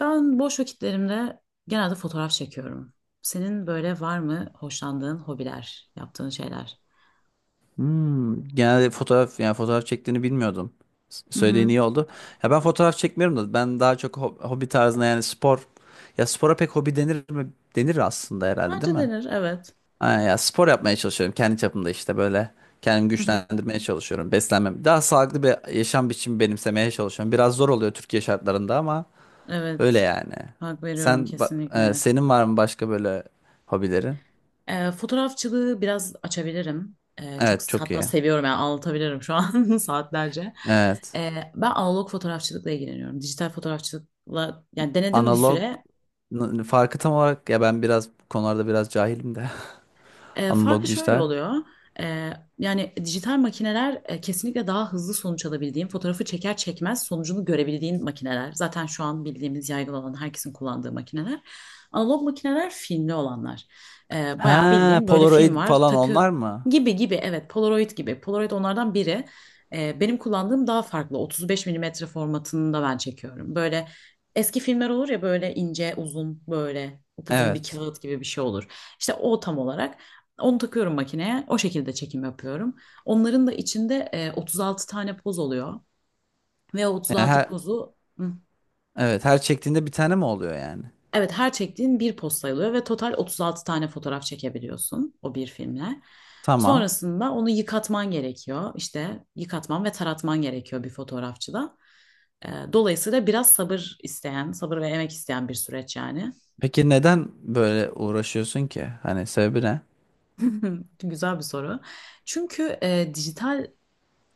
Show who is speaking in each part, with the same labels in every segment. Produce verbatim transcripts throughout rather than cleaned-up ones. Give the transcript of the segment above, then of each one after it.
Speaker 1: Ben boş vakitlerimde genelde fotoğraf çekiyorum. Senin böyle var mı hoşlandığın hobiler, yaptığın şeyler?
Speaker 2: Hmm, genelde fotoğraf, yani fotoğraf çektiğini bilmiyordum. S-
Speaker 1: Hı
Speaker 2: Söylediğin
Speaker 1: hı.
Speaker 2: iyi oldu. Ya ben fotoğraf çekmiyorum da ben daha çok ho- hobi tarzında, yani spor. Ya spora pek hobi denir mi? Denir aslında herhalde, değil
Speaker 1: Bence
Speaker 2: mi?
Speaker 1: denir, evet.
Speaker 2: Ha, ya spor yapmaya çalışıyorum kendi çapımda işte böyle. Kendimi
Speaker 1: Hı hı.
Speaker 2: güçlendirmeye çalışıyorum. Beslenmem. Daha sağlıklı bir yaşam biçimi benimsemeye çalışıyorum. Biraz zor oluyor Türkiye şartlarında ama öyle
Speaker 1: Evet,
Speaker 2: yani.
Speaker 1: hak veriyorum
Speaker 2: Sen ba- e,
Speaker 1: kesinlikle.
Speaker 2: senin var mı başka böyle hobilerin?
Speaker 1: Ee, fotoğrafçılığı biraz açabilirim. Ee, çok
Speaker 2: Evet, çok
Speaker 1: hatta
Speaker 2: iyi.
Speaker 1: seviyorum yani anlatabilirim şu an saatlerce.
Speaker 2: Evet.
Speaker 1: Ee, ben analog fotoğrafçılıkla ilgileniyorum. Dijital fotoğrafçılıkla yani denedim bir
Speaker 2: Analog,
Speaker 1: süre.
Speaker 2: n- farkı tam olarak, ya ben biraz bu konularda biraz cahilim de.
Speaker 1: E, farkı
Speaker 2: Analog,
Speaker 1: şöyle
Speaker 2: dijital.
Speaker 1: oluyor. E, yani dijital makineler e, kesinlikle daha hızlı sonuç alabildiğin, fotoğrafı çeker çekmez sonucunu görebildiğin makineler. Zaten şu an bildiğimiz yaygın olan herkesin kullandığı makineler. Analog makineler filmli olanlar. E, bayağı
Speaker 2: Ha,
Speaker 1: bildiğin böyle film
Speaker 2: Polaroid
Speaker 1: var,
Speaker 2: falan
Speaker 1: takı
Speaker 2: onlar mı?
Speaker 1: gibi gibi evet Polaroid gibi. Polaroid onlardan biri. E, benim kullandığım daha farklı. otuz beş milimetre formatında ben çekiyorum. Böyle eski filmler olur ya böyle ince uzun böyle upuzun bir
Speaker 2: Evet.
Speaker 1: kağıt gibi bir şey olur. İşte o tam olarak. Onu takıyorum makineye. O şekilde çekim yapıyorum. Onların da içinde e, otuz altı tane poz oluyor. Ve o
Speaker 2: Yani
Speaker 1: otuz altı
Speaker 2: her,
Speaker 1: pozu hı,
Speaker 2: evet, her çektiğinde bir tane mi oluyor yani?
Speaker 1: evet her çektiğin bir poz sayılıyor ve total otuz altı tane fotoğraf çekebiliyorsun o bir filmle.
Speaker 2: Tamam.
Speaker 1: Sonrasında onu yıkatman gerekiyor. İşte yıkatman ve taratman gerekiyor bir fotoğrafçıda. E, dolayısıyla biraz sabır isteyen, sabır ve emek isteyen bir süreç yani.
Speaker 2: Peki neden böyle uğraşıyorsun ki? Hani sebebi ne?
Speaker 1: Güzel bir soru. Çünkü e, dijital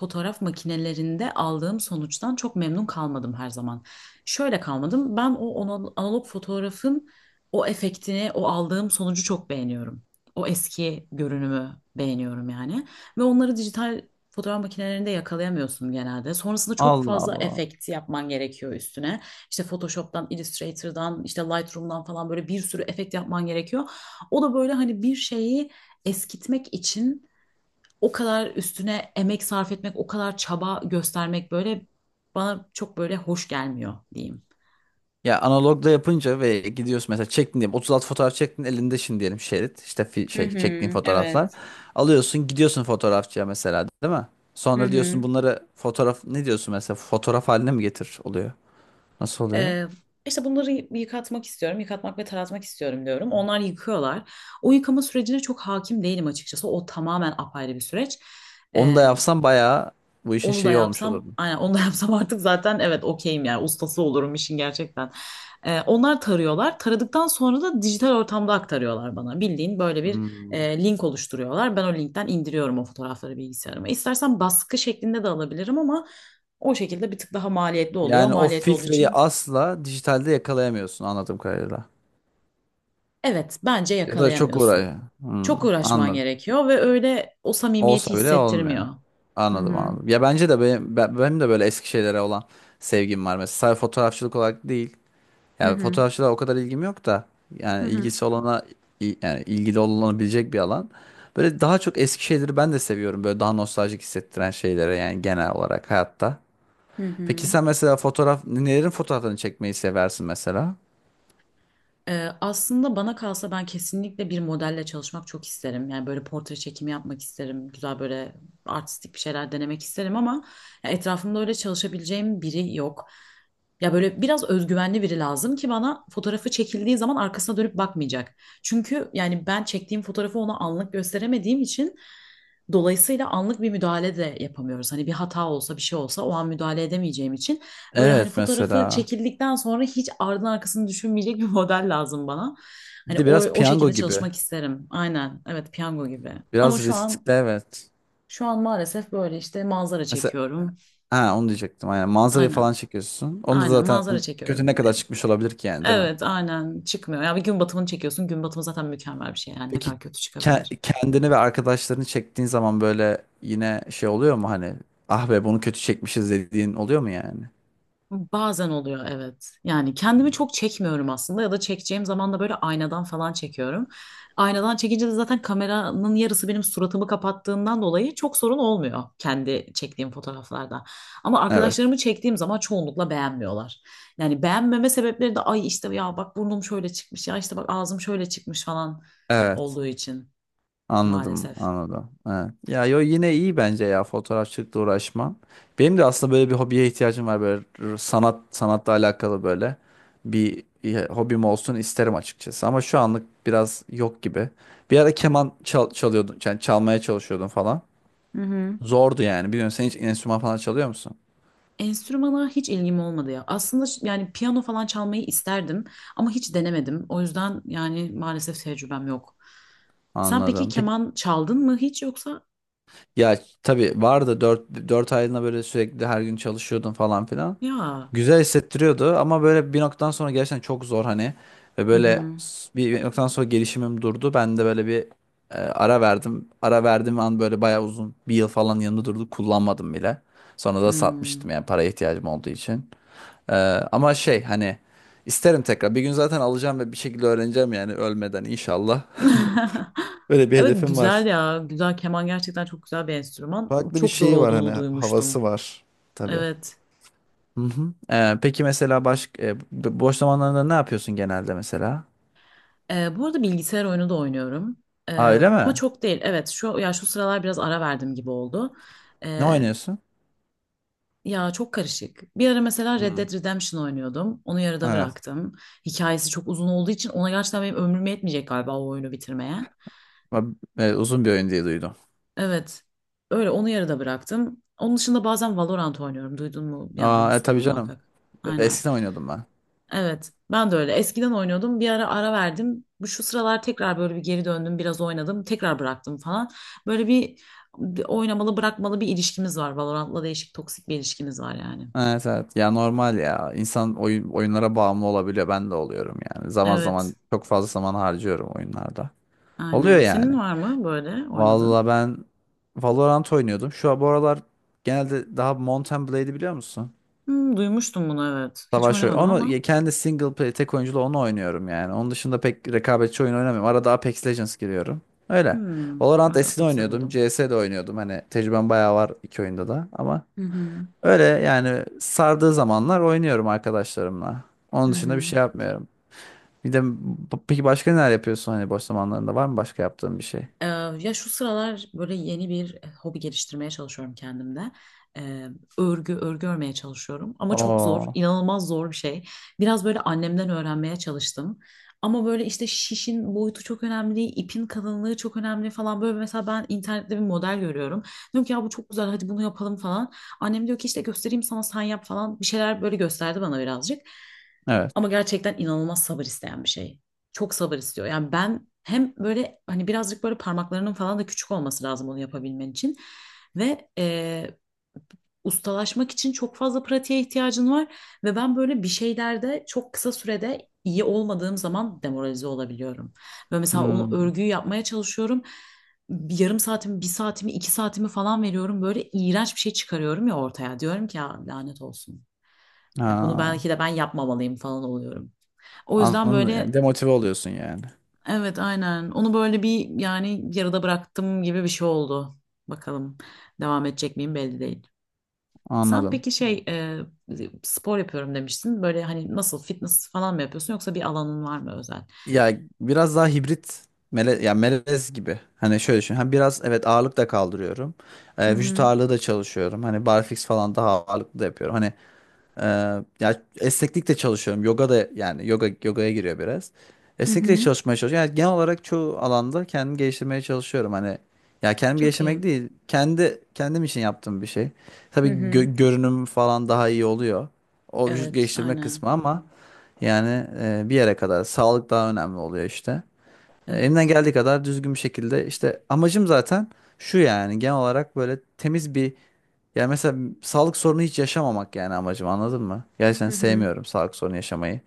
Speaker 1: fotoğraf makinelerinde aldığım sonuçtan çok memnun kalmadım her zaman. Şöyle kalmadım. Ben o ana- analog fotoğrafın o efektini, o aldığım sonucu çok beğeniyorum. O eski görünümü beğeniyorum yani. Ve onları dijital fotoğraf makinelerinde yakalayamıyorsun genelde. Sonrasında çok
Speaker 2: Allah
Speaker 1: fazla
Speaker 2: Allah.
Speaker 1: efekt yapman gerekiyor üstüne. İşte Photoshop'tan, Illustrator'dan, işte Lightroom'dan falan böyle bir sürü efekt yapman gerekiyor. O da böyle hani bir şeyi eskitmek için o kadar üstüne emek sarf etmek, o kadar çaba göstermek böyle bana çok böyle hoş gelmiyor diyeyim.
Speaker 2: Ya analogda yapınca ve gidiyorsun, mesela çektin diyelim otuz altı fotoğraf çektin, elinde şimdi diyelim şerit, işte fi-
Speaker 1: Hı
Speaker 2: şey,
Speaker 1: hı,
Speaker 2: çektiğin fotoğraflar,
Speaker 1: evet.
Speaker 2: alıyorsun gidiyorsun fotoğrafçıya mesela, değil mi?
Speaker 1: Hı
Speaker 2: Sonra diyorsun
Speaker 1: hı.
Speaker 2: bunları fotoğraf, ne diyorsun mesela, fotoğraf haline mi getir oluyor? Nasıl oluyor?
Speaker 1: Ee, işte bunları yıkatmak istiyorum, yıkatmak ve taratmak istiyorum diyorum. Onlar yıkıyorlar. O yıkama sürecine çok hakim değilim açıkçası. O tamamen apayrı bir süreç.
Speaker 2: Onu da
Speaker 1: Ee,
Speaker 2: yapsam bayağı bu işin
Speaker 1: Onu da
Speaker 2: şeyi olmuş
Speaker 1: yapsam,
Speaker 2: olurdu.
Speaker 1: aynen onu da yapsam artık zaten evet okeyim yani ustası olurum işin gerçekten. Ee, onlar tarıyorlar. Taradıktan sonra da dijital ortamda aktarıyorlar bana. Bildiğin böyle bir
Speaker 2: Hmm.
Speaker 1: e, link oluşturuyorlar. Ben o linkten indiriyorum o fotoğrafları bilgisayarıma. İstersen baskı şeklinde de alabilirim ama o şekilde bir tık daha maliyetli oluyor.
Speaker 2: Yani o
Speaker 1: Maliyetli olduğu
Speaker 2: filtreyi
Speaker 1: için
Speaker 2: asla dijitalde yakalayamıyorsun anladığım kadarıyla.
Speaker 1: evet bence
Speaker 2: Ya da çok
Speaker 1: yakalayamıyorsun.
Speaker 2: uğraşıyor.
Speaker 1: Çok
Speaker 2: Hmm,
Speaker 1: uğraşman
Speaker 2: anladım.
Speaker 1: gerekiyor ve öyle o samimiyeti
Speaker 2: Olsa bile olmuyor.
Speaker 1: hissettirmiyor. Hı
Speaker 2: Anladım,
Speaker 1: hı.
Speaker 2: anladım. Ya bence de benim, ben- benim de böyle eski şeylere olan sevgim var. Mesela sadece fotoğrafçılık olarak değil.
Speaker 1: Hı
Speaker 2: Yani
Speaker 1: hı.
Speaker 2: fotoğrafçılığa o kadar ilgim yok da.
Speaker 1: Hı
Speaker 2: Yani
Speaker 1: hı.
Speaker 2: ilgisi olana, il- yani ilgili olunabilecek bir alan. Böyle daha çok eski şeyleri ben de seviyorum. Böyle daha nostaljik hissettiren şeylere, yani genel olarak hayatta.
Speaker 1: Hı
Speaker 2: Peki
Speaker 1: hı.
Speaker 2: sen mesela fotoğraf, nelerin fotoğraflarını çekmeyi seversin mesela?
Speaker 1: Ee, aslında bana kalsa ben kesinlikle bir modelle çalışmak çok isterim. Yani böyle portre çekimi yapmak isterim. Güzel böyle artistik bir şeyler denemek isterim ama ya etrafımda öyle çalışabileceğim biri yok. Ya böyle biraz özgüvenli biri lazım ki bana fotoğrafı çekildiği zaman arkasına dönüp bakmayacak. Çünkü yani ben çektiğim fotoğrafı ona anlık gösteremediğim için dolayısıyla anlık bir müdahale de yapamıyoruz. Hani bir hata olsa bir şey olsa o an müdahale edemeyeceğim için böyle hani
Speaker 2: Evet
Speaker 1: fotoğrafı
Speaker 2: mesela.
Speaker 1: çekildikten sonra hiç ardın arkasını düşünmeyecek bir model lazım bana.
Speaker 2: Bir
Speaker 1: Hani
Speaker 2: de
Speaker 1: o,
Speaker 2: biraz
Speaker 1: o
Speaker 2: piyango
Speaker 1: şekilde
Speaker 2: gibi.
Speaker 1: çalışmak isterim. Aynen. Evet, piyango gibi. Ama
Speaker 2: Biraz
Speaker 1: şu an
Speaker 2: riskli, evet.
Speaker 1: şu an maalesef böyle işte manzara
Speaker 2: Mesela.
Speaker 1: çekiyorum.
Speaker 2: Ha, onu diyecektim, aynen. Manzarayı
Speaker 1: Aynen.
Speaker 2: falan çekiyorsun. Onu da
Speaker 1: Aynen manzara
Speaker 2: zaten kötü
Speaker 1: çekiyorum.
Speaker 2: ne kadar
Speaker 1: E,
Speaker 2: çıkmış olabilir ki yani, değil mi?
Speaker 1: Evet, aynen çıkmıyor. Ya bir gün batımını çekiyorsun. Gün batımı zaten mükemmel bir şey. Yani ne
Speaker 2: Peki
Speaker 1: kadar kötü
Speaker 2: ke-
Speaker 1: çıkabilir.
Speaker 2: kendini ve arkadaşlarını çektiğin zaman böyle yine şey oluyor mu, hani "Ah be, bunu kötü çekmişiz" dediğin oluyor mu yani?
Speaker 1: Bazen oluyor evet. Yani kendimi çok çekmiyorum aslında ya da çekeceğim zaman da böyle aynadan falan çekiyorum. Aynadan çekince de zaten kameranın yarısı benim suratımı kapattığından dolayı çok sorun olmuyor kendi çektiğim fotoğraflarda. Ama
Speaker 2: Evet.
Speaker 1: arkadaşlarımı çektiğim zaman çoğunlukla beğenmiyorlar. Yani beğenmeme sebepleri de ay işte ya bak burnum şöyle çıkmış ya işte bak ağzım şöyle çıkmış falan
Speaker 2: Evet.
Speaker 1: olduğu için
Speaker 2: Anladım,
Speaker 1: maalesef.
Speaker 2: anladım. Evet. Ya, yo, yine iyi bence ya, fotoğrafçılıkla uğraşman. Benim de aslında böyle bir hobiye ihtiyacım var, böyle r- sanat sanatla alakalı böyle bir bir hobim olsun isterim açıkçası, ama şu anlık biraz yok gibi. Bir ara keman çal çalıyordun, yani çalmaya çalışıyordun falan.
Speaker 1: Hı hı.
Speaker 2: Zordu yani. Biliyorsun, sen hiç enstrüman falan çalıyor musun?
Speaker 1: Enstrümana hiç ilgim olmadı ya. Aslında ş- yani piyano falan çalmayı isterdim ama hiç denemedim. O yüzden yani maalesef tecrübem yok. Sen peki
Speaker 2: Anladım.
Speaker 1: keman çaldın mı hiç yoksa?
Speaker 2: Ya tabii vardı, dört dört aylığına böyle sürekli her gün çalışıyordun falan filan.
Speaker 1: Ya.
Speaker 2: Güzel hissettiriyordu ama böyle bir noktadan sonra gerçekten çok zor hani, ve
Speaker 1: Hı
Speaker 2: böyle
Speaker 1: hı.
Speaker 2: s- bir noktadan sonra gelişimim durdu. Ben de böyle bir e, ara verdim. Ara verdiğim an böyle bayağı uzun bir yıl falan yanında durdu, kullanmadım bile. Sonra da
Speaker 1: Hmm.
Speaker 2: satmıştım yani, paraya ihtiyacım olduğu için. E, Ama şey, hani isterim tekrar. Bir gün zaten alacağım ve bir şekilde öğreneceğim yani, ölmeden inşallah. Böyle bir
Speaker 1: Evet
Speaker 2: hedefim var.
Speaker 1: güzel ya. Güzel keman gerçekten çok güzel bir enstrüman.
Speaker 2: Farklı bir
Speaker 1: Çok zor
Speaker 2: şeyi var, hani
Speaker 1: olduğunu
Speaker 2: havası
Speaker 1: duymuştum.
Speaker 2: var. Tabii.
Speaker 1: Evet.
Speaker 2: Hı hı. Ee, peki mesela baş, e, bo- boş zamanlarında ne yapıyorsun genelde mesela?
Speaker 1: Ee, bu arada bilgisayar oyunu da oynuyorum.
Speaker 2: Aa,
Speaker 1: Ee,
Speaker 2: öyle
Speaker 1: ama
Speaker 2: mi?
Speaker 1: çok değil. Evet şu ya şu sıralar biraz ara verdim gibi oldu.
Speaker 2: Ne
Speaker 1: Ee,
Speaker 2: oynuyorsun?
Speaker 1: Ya çok karışık. Bir ara mesela Red
Speaker 2: Hı.
Speaker 1: Dead Redemption oynuyordum. Onu yarıda
Speaker 2: Evet.
Speaker 1: bıraktım. Hikayesi çok uzun olduğu için ona gerçekten benim ömrüm yetmeyecek galiba o oyunu bitirmeye.
Speaker 2: Ba- e, uzun bir oyun diye duydum.
Speaker 1: Evet. Öyle onu yarıda bıraktım. Onun dışında bazen Valorant oynuyorum. Duydun mu? Yani
Speaker 2: Aa, e,
Speaker 1: duymuşsundur
Speaker 2: tabii canım.
Speaker 1: muhakkak.
Speaker 2: E,
Speaker 1: Aynen.
Speaker 2: Eskiden oynuyordum ben.
Speaker 1: Evet. Ben de öyle. Eskiden oynuyordum. Bir ara ara verdim. Bu şu sıralar tekrar böyle bir geri döndüm. Biraz oynadım. Tekrar bıraktım falan. Böyle bir oynamalı bırakmalı bir ilişkimiz var. Valorant'la değişik toksik bir ilişkimiz var yani.
Speaker 2: Evet, evet. Ya normal ya. İnsan oyun, oyunlara bağımlı olabiliyor. Ben de oluyorum yani. Zaman
Speaker 1: Evet.
Speaker 2: zaman çok fazla zaman harcıyorum oyunlarda. Oluyor
Speaker 1: Aynen.
Speaker 2: yani.
Speaker 1: Senin var mı böyle oynadığın?
Speaker 2: Vallahi ben Valorant oynuyordum. Şu an bu aralar genelde daha, Mount and Blade'i biliyor musun?
Speaker 1: Hmm, duymuştum bunu evet. Hiç
Speaker 2: Savaş oyunu.
Speaker 1: oynamadım
Speaker 2: Onu
Speaker 1: ama.
Speaker 2: kendi single play, tek oyunculu onu oynuyorum yani. Onun dışında pek rekabetçi oyun oynamıyorum. Arada Apex Legends giriyorum. Öyle.
Speaker 1: Hmm,
Speaker 2: Valorant
Speaker 1: evet
Speaker 2: eskiden
Speaker 1: Apex'te
Speaker 2: oynuyordum.
Speaker 1: duydum.
Speaker 2: C S de oynuyordum. Hani tecrübem bayağı var iki oyunda da, ama
Speaker 1: Hı hı.
Speaker 2: öyle yani, sardığı zamanlar oynuyorum arkadaşlarımla.
Speaker 1: Hı
Speaker 2: Onun dışında bir
Speaker 1: hı.
Speaker 2: şey yapmıyorum. Bir de b- peki başka neler yapıyorsun, hani boş zamanlarında var mı başka yaptığın bir şey?
Speaker 1: Ee, ya şu sıralar böyle yeni bir e, hobi geliştirmeye çalışıyorum kendimde. Ee, örgü, örgü örmeye çalışıyorum. Ama çok zor,
Speaker 2: Oo.
Speaker 1: inanılmaz zor bir şey. Biraz böyle annemden öğrenmeye çalıştım. Ama böyle işte şişin boyutu çok önemli, ipin kalınlığı çok önemli falan. Böyle mesela ben internette bir model görüyorum. Diyorum ki ya bu çok güzel hadi bunu yapalım falan. Annem diyor ki işte göstereyim sana sen yap falan. Bir şeyler böyle gösterdi bana birazcık.
Speaker 2: Evet.
Speaker 1: Ama gerçekten inanılmaz sabır isteyen bir şey. Çok sabır istiyor. Yani ben hem böyle hani birazcık böyle parmaklarının falan da küçük olması lazım onu yapabilmen için. Ve e, ustalaşmak için çok fazla pratiğe ihtiyacın var. Ve ben böyle bir şeylerde çok kısa sürede iyi olmadığım zaman demoralize olabiliyorum. Ve mesela onu
Speaker 2: Hmm.
Speaker 1: örgüyü yapmaya çalışıyorum. Bir yarım saatimi, bir saatimi, iki saatimi falan veriyorum. Böyle iğrenç bir şey çıkarıyorum ya ortaya. Diyorum ki ya lanet olsun. Ya bunu
Speaker 2: Ha.
Speaker 1: belki de ben yapmamalıyım falan oluyorum. O yüzden
Speaker 2: Anladım. Yani
Speaker 1: böyle
Speaker 2: demotive oluyorsun yani.
Speaker 1: evet aynen onu böyle bir yani yarıda bıraktım gibi bir şey oldu. Bakalım devam edecek miyim belli değil. Sen
Speaker 2: Anladım.
Speaker 1: peki şey e, spor yapıyorum demiştin. Böyle hani nasıl fitness falan mı yapıyorsun yoksa bir alanın var mı özel?
Speaker 2: Ya biraz daha hibrit, mele, ya melez gibi. Hani şöyle düşün. Hani biraz, evet, ağırlık da kaldırıyorum.
Speaker 1: Hı
Speaker 2: Ee, vücut
Speaker 1: hı.
Speaker 2: ağırlığı da çalışıyorum. Hani barfix falan daha ağırlıklı da yapıyorum. Hani ee, ya esneklikle çalışıyorum. Yoga da, yani yoga yogaya giriyor biraz.
Speaker 1: Hı
Speaker 2: Esneklikle
Speaker 1: hı.
Speaker 2: çalışmaya çalışıyorum. Yani genel olarak çoğu alanda kendimi geliştirmeye çalışıyorum. Hani ya, kendimi
Speaker 1: Çok iyi.
Speaker 2: geliştirmek değil, kendi kendim için yaptığım bir şey.
Speaker 1: Hı
Speaker 2: Tabii
Speaker 1: hı.
Speaker 2: gö- görünüm falan daha iyi oluyor. O vücut
Speaker 1: Evet
Speaker 2: geliştirme
Speaker 1: aynen.
Speaker 2: kısmı ama yani e, bir yere kadar sağlık daha önemli oluyor işte. E, elimden
Speaker 1: Evet.
Speaker 2: geldiği kadar düzgün bir şekilde, işte amacım zaten şu yani, genel olarak böyle temiz bir, yani mesela sağlık sorunu hiç yaşamamak yani amacım, anladın mı?
Speaker 1: Hı
Speaker 2: Gerçekten
Speaker 1: hı.
Speaker 2: sevmiyorum sağlık sorunu yaşamayı.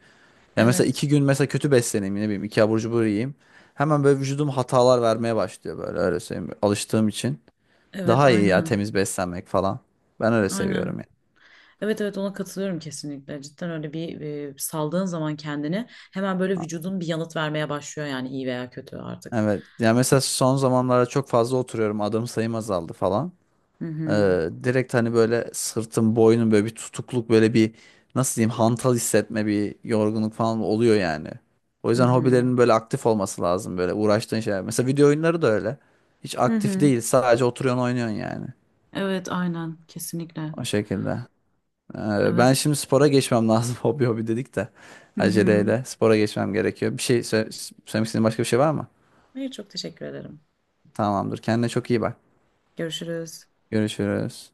Speaker 2: Yani mesela
Speaker 1: Evet.
Speaker 2: iki gün mesela kötü besleneyim, ne bileyim, iki abur cubur yiyeyim. Hemen böyle vücudum hatalar vermeye başlıyor, böyle öyle söyleyeyim. Alıştığım için.
Speaker 1: Evet
Speaker 2: Daha iyi ya,
Speaker 1: aynen.
Speaker 2: temiz beslenmek falan. Ben öyle seviyorum
Speaker 1: Aynen.
Speaker 2: yani.
Speaker 1: Evet evet ona katılıyorum kesinlikle. Cidden öyle bir e, saldığın zaman kendini hemen böyle vücudun bir yanıt vermeye başlıyor yani iyi veya kötü artık.
Speaker 2: Evet. Yani mesela son zamanlarda çok fazla oturuyorum. Adım sayım azaldı falan.
Speaker 1: Hı hı.
Speaker 2: Ee, direkt hani böyle sırtım, boynum, böyle bir tutukluk, böyle bir, nasıl diyeyim, hantal hissetme, bir yorgunluk falan oluyor yani. O
Speaker 1: Hı
Speaker 2: yüzden
Speaker 1: hı.
Speaker 2: hobilerin böyle aktif olması lazım, böyle uğraştığın şeyler. Mesela video oyunları da öyle. Hiç
Speaker 1: Hı
Speaker 2: aktif
Speaker 1: hı.
Speaker 2: değil, sadece oturuyorsun oynuyorsun yani.
Speaker 1: Evet aynen kesinlikle.
Speaker 2: O şekilde. Ee, ben
Speaker 1: Evet.
Speaker 2: şimdi spora geçmem lazım, hobi hobi dedik de.
Speaker 1: Hı hı.
Speaker 2: Aceleyle spora geçmem gerekiyor. Bir şey sö- söylemek istediğin başka bir şey var mı?
Speaker 1: Hayır çok teşekkür ederim.
Speaker 2: Tamamdır. Kendine çok iyi bak.
Speaker 1: Görüşürüz.
Speaker 2: Görüşürüz.